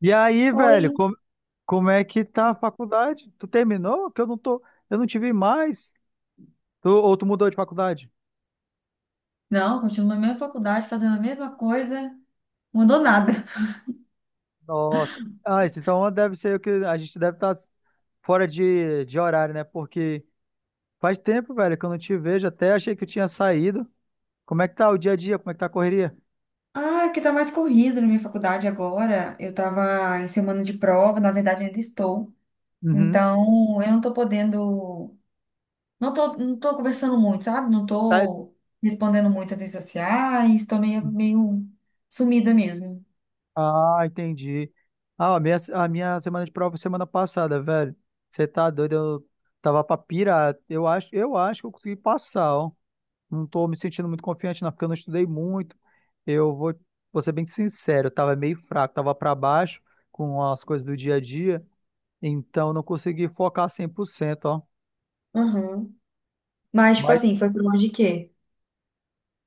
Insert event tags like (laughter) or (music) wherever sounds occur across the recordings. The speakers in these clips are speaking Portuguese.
E aí, velho, Oi. como é que tá a faculdade? Tu terminou? Que eu não tô, eu não te vi mais. Tu, ou tu mudou de faculdade? Não, continuo na mesma faculdade, fazendo a mesma coisa, mudou nada. Nossa. Ah, isso então deve ser o que a gente deve estar fora de horário, né? Porque faz tempo, velho, que eu não te vejo. Até achei que tu tinha saído. Como é que tá o dia a dia? Como é que tá a correria? Ah, porque tá mais corrido na minha faculdade agora. Eu tava em semana de prova, na verdade ainda estou. Uhum. Então, eu não tô podendo, não tô conversando muito, sabe? Não Tá- tô respondendo muito as redes sociais, tô meio sumida mesmo. Ah, entendi. Ah, a minha semana de prova foi semana passada, velho. Você tá doido? Eu tava pra pirar. Eu acho que eu consegui passar, ó. Não estou me sentindo muito confiante, não, porque eu não estudei muito. Eu vou, vou ser bem sincero, eu estava meio fraco, estava para baixo com as coisas do dia a dia, então não consegui focar 100%, ó. Aham. Mas, tipo Mas assim, foi por onde de quê?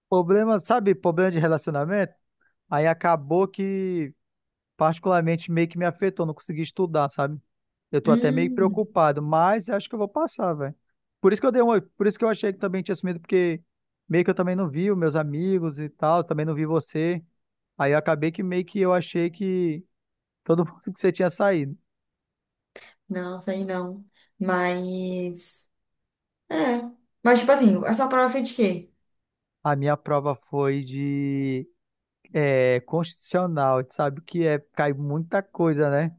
problema, sabe, problema de relacionamento, aí acabou que particularmente meio que me afetou, não consegui estudar, sabe? Eu tô até meio Hum. preocupado, mas acho que eu vou passar, velho. Por isso que eu dei uma, por isso que eu achei que também tinha sumido, porque meio que eu também não vi os meus amigos e tal, também não vi você. Aí eu acabei que meio que eu achei que todo mundo que você tinha saído. Não, sei não. Mas, é. Mas, tipo assim, a sua prova foi de quê? A minha prova foi de é, constitucional. Tu sabe que é, cai muita coisa, né?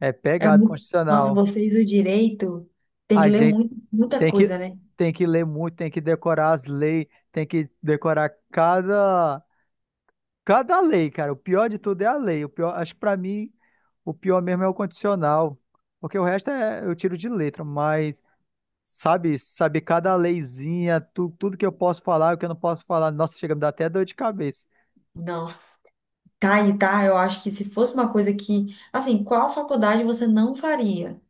É pegado Nossa, constitucional. vocês o direito tem que A ler gente muito, muita tem que, coisa, né? tem que ler muito, tem que decorar as leis, tem que decorar cada, cada lei, cara. O pior de tudo é a lei. O pior, acho que pra mim, o pior mesmo é o condicional. Porque o resto é, eu tiro de letra, mas sabe cada leizinha, tu, tudo que eu posso falar, o que eu não posso falar. Nossa, chega a me dar até dor de cabeça. Não. Tá e tá, eu acho que se fosse uma coisa que, assim, qual faculdade você não faria?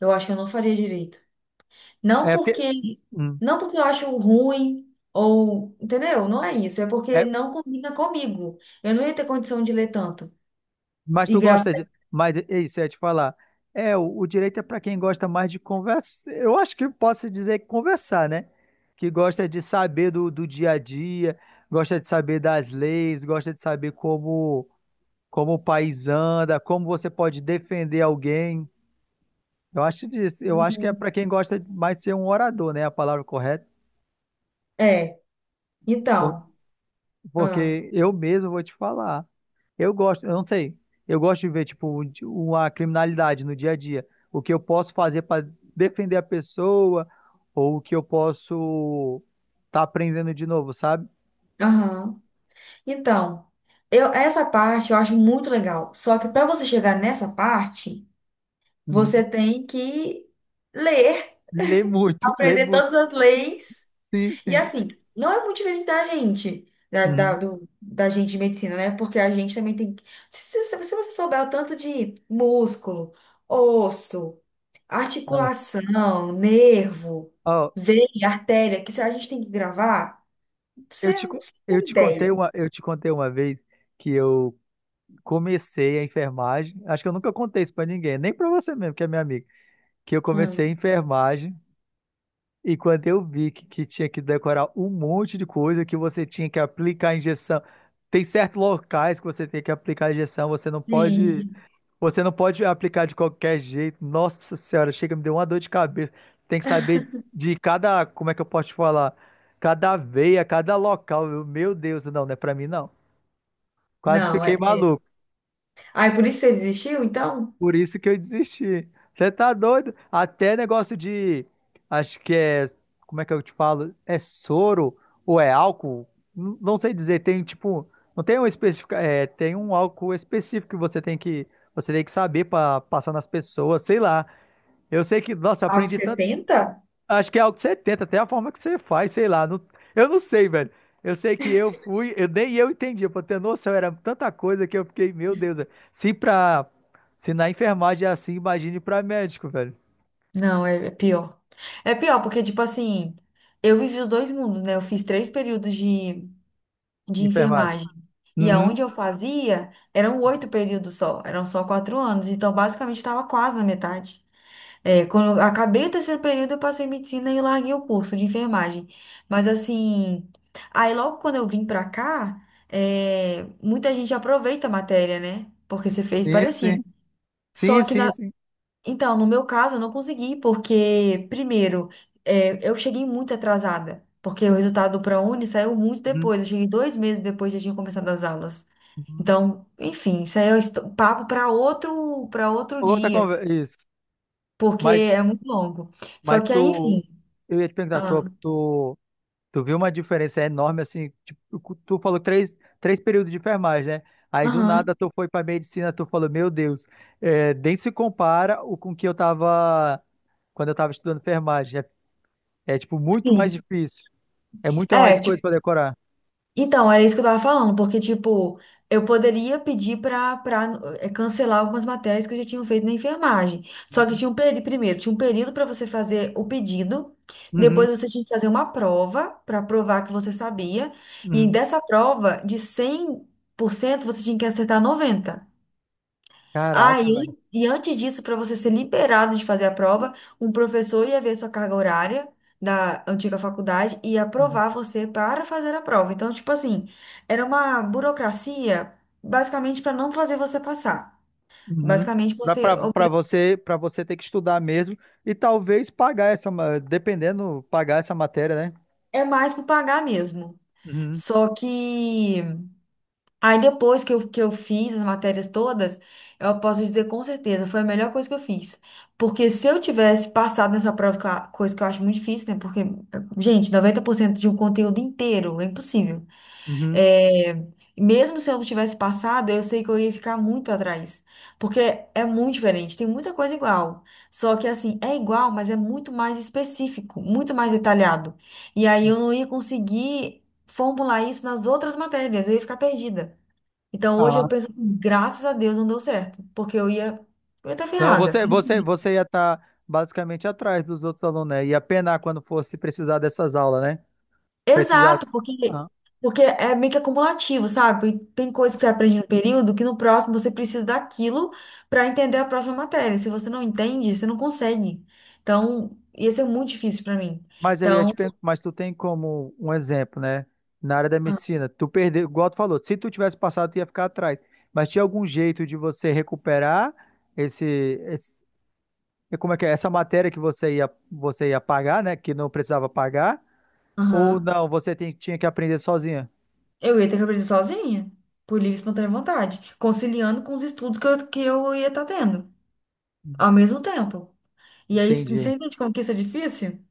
Eu acho que eu não faria direito. Não É porque, porque, hum, não porque eu acho ruim ou, entendeu? Não é isso, é porque é, não combina comigo. Eu não ia ter condição de ler tanto mas e tu gravar. gosta de, mas é isso, eu ia te falar. É, o direito é para quem gosta mais de conversar. Eu acho que eu posso dizer que conversar, né? Que gosta de saber do dia a dia, gosta de saber das leis, gosta de saber como o país anda, como você pode defender alguém. Eu acho disso. Eu acho que é Uhum. para quem gosta de mais ser um orador, né? A palavra correta. É. Então, ah, Porque eu mesmo vou te falar. Eu gosto, eu não sei. Eu gosto de ver, tipo, uma criminalidade no dia a dia. O que eu posso fazer para defender a pessoa, ou o que eu posso estar aprendendo de novo, sabe? aham. Então, eu essa parte eu acho muito legal. Só que para você chegar nessa parte, você Uhum. tem que ler, Lê muito, lê aprender muito. todas as leis. Sim, E sim. assim, não é muito diferente da gente, da, da, Uhum. do- da gente de medicina, né? Porque a gente também tem. Se você souber o tanto de músculo, osso, Nossa. articulação, nervo, Ó, veia, artéria, que se a gente tem que gravar, eu você, te, co- não eu tem te contei ideia. uma, eu te contei uma vez que eu comecei a enfermagem. Acho que eu nunca contei isso para ninguém, nem para você mesmo, que é minha amiga. Que eu comecei Hum. a enfermagem. E quando eu vi que tinha que decorar um monte de coisa, que você tinha que aplicar a injeção. Tem certos locais que você tem que aplicar a injeção, Sim. você não pode aplicar de qualquer jeito. Nossa Senhora, chega, me deu uma dor de cabeça. Tem que saber de cada, como é que eu posso te falar? Cada veia, cada local. Eu, meu Deus, não, não é pra mim não. Quase Não, é. fiquei é. maluco. Ah, é por isso que você desistiu, então? Por isso que eu desisti. Você tá doido? Até negócio de. Acho que é. Como é que eu te falo? É soro ou é álcool? Não sei dizer. Tem tipo. Não tem um específico. É, tem um álcool específico que você tem que. Você tem que saber pra passar nas pessoas, sei lá. Eu sei que, nossa, eu Algo aprendi. 70. Acho que é algo que você tenta, até a forma que você faz, sei lá. Eu não sei, velho. Eu sei que eu fui, eu, nem eu entendi, pra ter noção, era tanta coisa que eu fiquei, meu Deus, velho. Se pra, se na enfermagem é assim, imagine pra médico, velho. Não, é pior. É pior, porque, tipo assim, eu vivi os dois mundos, né? Eu fiz 3 períodos de Enfermagem. enfermagem. E Uhum. aonde eu fazia, eram 8 períodos só, eram só 4 anos. Então, basicamente, estava quase na metade. É, quando eu acabei o terceiro período, eu passei em medicina e larguei o curso de enfermagem. Mas, assim, aí logo quando eu vim pra cá, muita gente aproveita a matéria, né? Porque você fez Sim, parecido. sim. Só Sim, que, sim, na sim. então, no meu caso, eu não consegui, porque, primeiro, eu cheguei muito atrasada, porque o resultado do ProUni saiu muito Uhum. depois. Eu cheguei 2 meses depois já tinha começado as aulas. Uhum. Então, enfim, isso aí é papo para outro Outra dia, conversa, isso. porque Mas, é muito longo. Só mas que aí, tu, enfim. eu ia te perguntar, Ah, tu Tu viu uma diferença enorme, assim, tipo, tu falou três períodos de enfermagem, né? Aí do aham, nada tu foi pra medicina, tu falou, meu Deus, é, nem se compara o com que eu tava quando eu tava estudando enfermagem. Tipo muito sim. mais difícil, é muita mais É. coisa pra decorar. Então, era isso que eu tava falando, porque, tipo, eu poderia pedir pra cancelar algumas matérias que eu já tinha feito na enfermagem. Só que tinha um período, primeiro, tinha um período para você fazer o pedido, Uhum, depois você tinha que fazer uma prova para provar que você sabia, e uhum. dessa prova, de 100% você tinha que acertar 90. Ah, Caraca, e, velho. an- e antes disso, para você ser liberado de fazer a prova, um professor ia ver sua carga horária da antiga faculdade e ia Uhum. aprovar você para fazer a prova. Então, tipo assim, era uma burocracia basicamente para não fazer você passar. Uhum. Basicamente, Pra você ter que estudar mesmo e talvez pagar essa, dependendo, pagar essa matéria, né? é mais por pagar mesmo. Uhum, Só que aí depois que que eu fiz as matérias todas, eu posso dizer com certeza, foi a melhor coisa que eu fiz. Porque se eu tivesse passado nessa prova, que coisa que eu acho muito difícil, né? Porque, gente, 90% de um conteúdo inteiro é impossível. uhum. É, mesmo se eu não tivesse passado, eu sei que eu ia ficar muito para trás. Porque é muito diferente, tem muita coisa igual. Só que, assim, é igual, mas é muito mais específico, muito mais detalhado. E aí eu não ia conseguir formular isso nas outras matérias, eu ia ficar perdida. Então hoje eu Ah. penso assim, graças a Deus não deu certo, porque eu ia estar Não, ferrada. você ia estar basicamente atrás dos outros alunos, né? Ia penar quando fosse precisar dessas aulas, né? Precisar. Exato, porque, Ah, porque é meio que acumulativo, sabe? E tem coisa que você aprende no período que no próximo você precisa daquilo para entender a próxima matéria. Se você não entende, você não consegue. Então, ia ser muito difícil para mim. mas eu ia Então, te perguntar, mas tu tem como um exemplo, né? Na área da medicina, tu perdeu, igual tu falou, se tu tivesse passado, tu ia ficar atrás. Mas tinha algum jeito de você recuperar esse, esse- como é que é? Essa matéria que você ia pagar, né? Que não precisava pagar? Ou aham, não, tinha que aprender sozinha? eu ia ter que aprender sozinha, por livre e espontânea vontade, conciliando com os estudos que que eu ia estar tendo ao mesmo tempo. E aí, você Entendi. entende como que isso é difícil?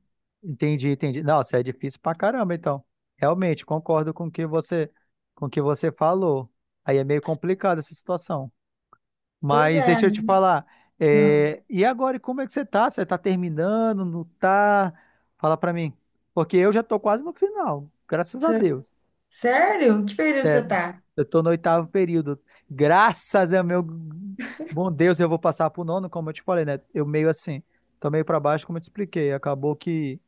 Entendi. Nossa, é difícil pra caramba, então. Realmente, concordo com o que você, com o que você falou. Aí é meio complicado essa situação. Pois Mas é. deixa eu te falar. Não. E agora, e como é que você tá? Você tá terminando? Não tá? Fala pra mim. Porque eu já tô quase no final, graças a Cê- Deus. Sério? Que período você tá? Eu tô no 8º período. Graças a meu bom Deus, eu vou passar pro nono, como eu te falei, né? Eu meio assim, tô meio pra baixo, como eu te expliquei. Acabou que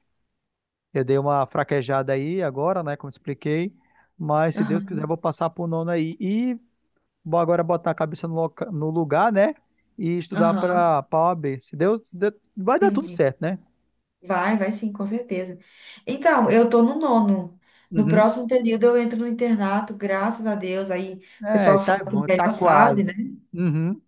eu dei uma fraquejada aí agora, né? Como te expliquei. Mas se Deus quiser, eu Aham, vou passar pro nono aí. E vou agora botar a cabeça no, no lugar, né? E estudar aham. para a OAB. Se Deus, se Deus- vai dar tudo Entendi. certo, né? Vai, vai sim, com certeza. Então, eu tô no nono. No Uhum. próximo período eu entro no internato, graças a Deus. Aí o É, pessoal fala tá que bom, é a tá melhor fase, quase. né? Uhum.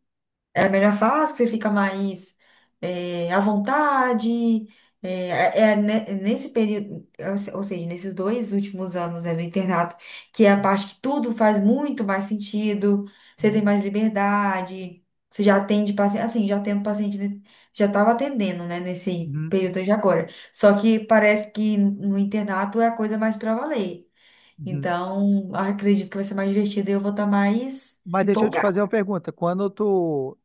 É a melhor fase que você fica mais à vontade. Nesse período, ou se- ou seja, nesses 2 últimos anos né, do internato, que é a parte que tudo faz muito mais sentido, você tem mais liberdade, você já atende paciente, assim, já atendo paciente, já estava atendendo, né, nesse Uhum. período de agora. Só que parece que no internato é a coisa mais para valer. Uhum. Então, acredito que vai ser mais divertido e eu vou estar mais Mas deixa eu te empolgada. fazer uma pergunta.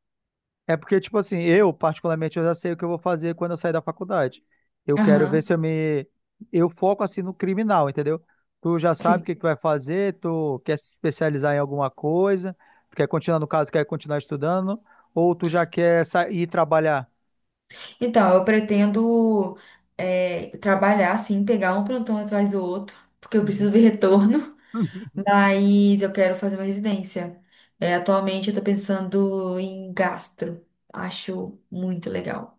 É porque, tipo assim, eu, particularmente, eu já sei o que eu vou fazer quando eu sair da faculdade. Eu quero ver Aham. se eu me. Eu foco, assim, no criminal, entendeu? Tu já sabe o que que tu vai fazer, tu quer se especializar em alguma coisa, tu quer continuar, no caso, quer continuar estudando, ou tu já quer ir trabalhar? Então, eu pretendo trabalhar, assim, pegar um plantão atrás do outro, porque eu Uhum. preciso de (laughs) retorno, mas eu quero fazer uma residência. Atualmente eu tô pensando em gastro. Acho muito legal.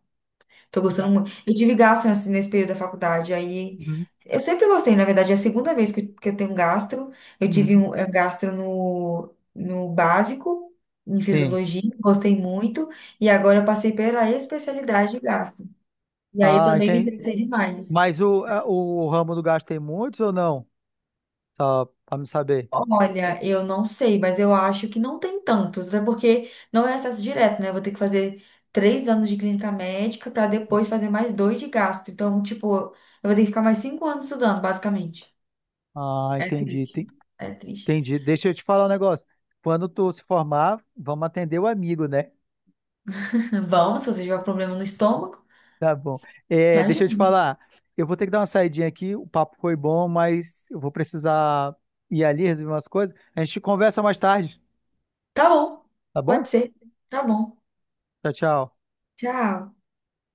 Tô gostando Ga- muito. Eu tive gastro assim, nesse período da faculdade, aí uhum, eu sempre gostei, na verdade, é a segunda vez que eu tenho gastro. Eu tive uhum. um gastro no básico, em Sim. fisiologia, gostei muito, e agora eu passei pela especialidade de gastro. E aí Ah, também me entendi. interessei demais. Mas o ramo do gasto tem muitos ou não? Só pra me saber. Olha, eu não sei, mas eu acho que não tem tantos, até porque não é acesso direto, né? Eu vou ter que fazer 3 anos de clínica médica para depois fazer mais dois de gastro. Então, tipo, eu vou ter que ficar mais 5 anos estudando, basicamente. Ah, É entendi. triste. É triste. Entendi. Deixa eu te falar um negócio. Quando tu se formar, vamos atender o amigo, né? (laughs) (laughs) Vamos, se você tiver um problema no estômago, Tá bom. É, já deixa eu ajuda. te falar. Eu vou ter que dar uma saidinha aqui. O papo foi bom, mas eu vou precisar ir ali resolver umas coisas. A gente conversa mais tarde, Tá bom, tá bom? pode ser. Tá bom. Tchau, tchau. Tchau.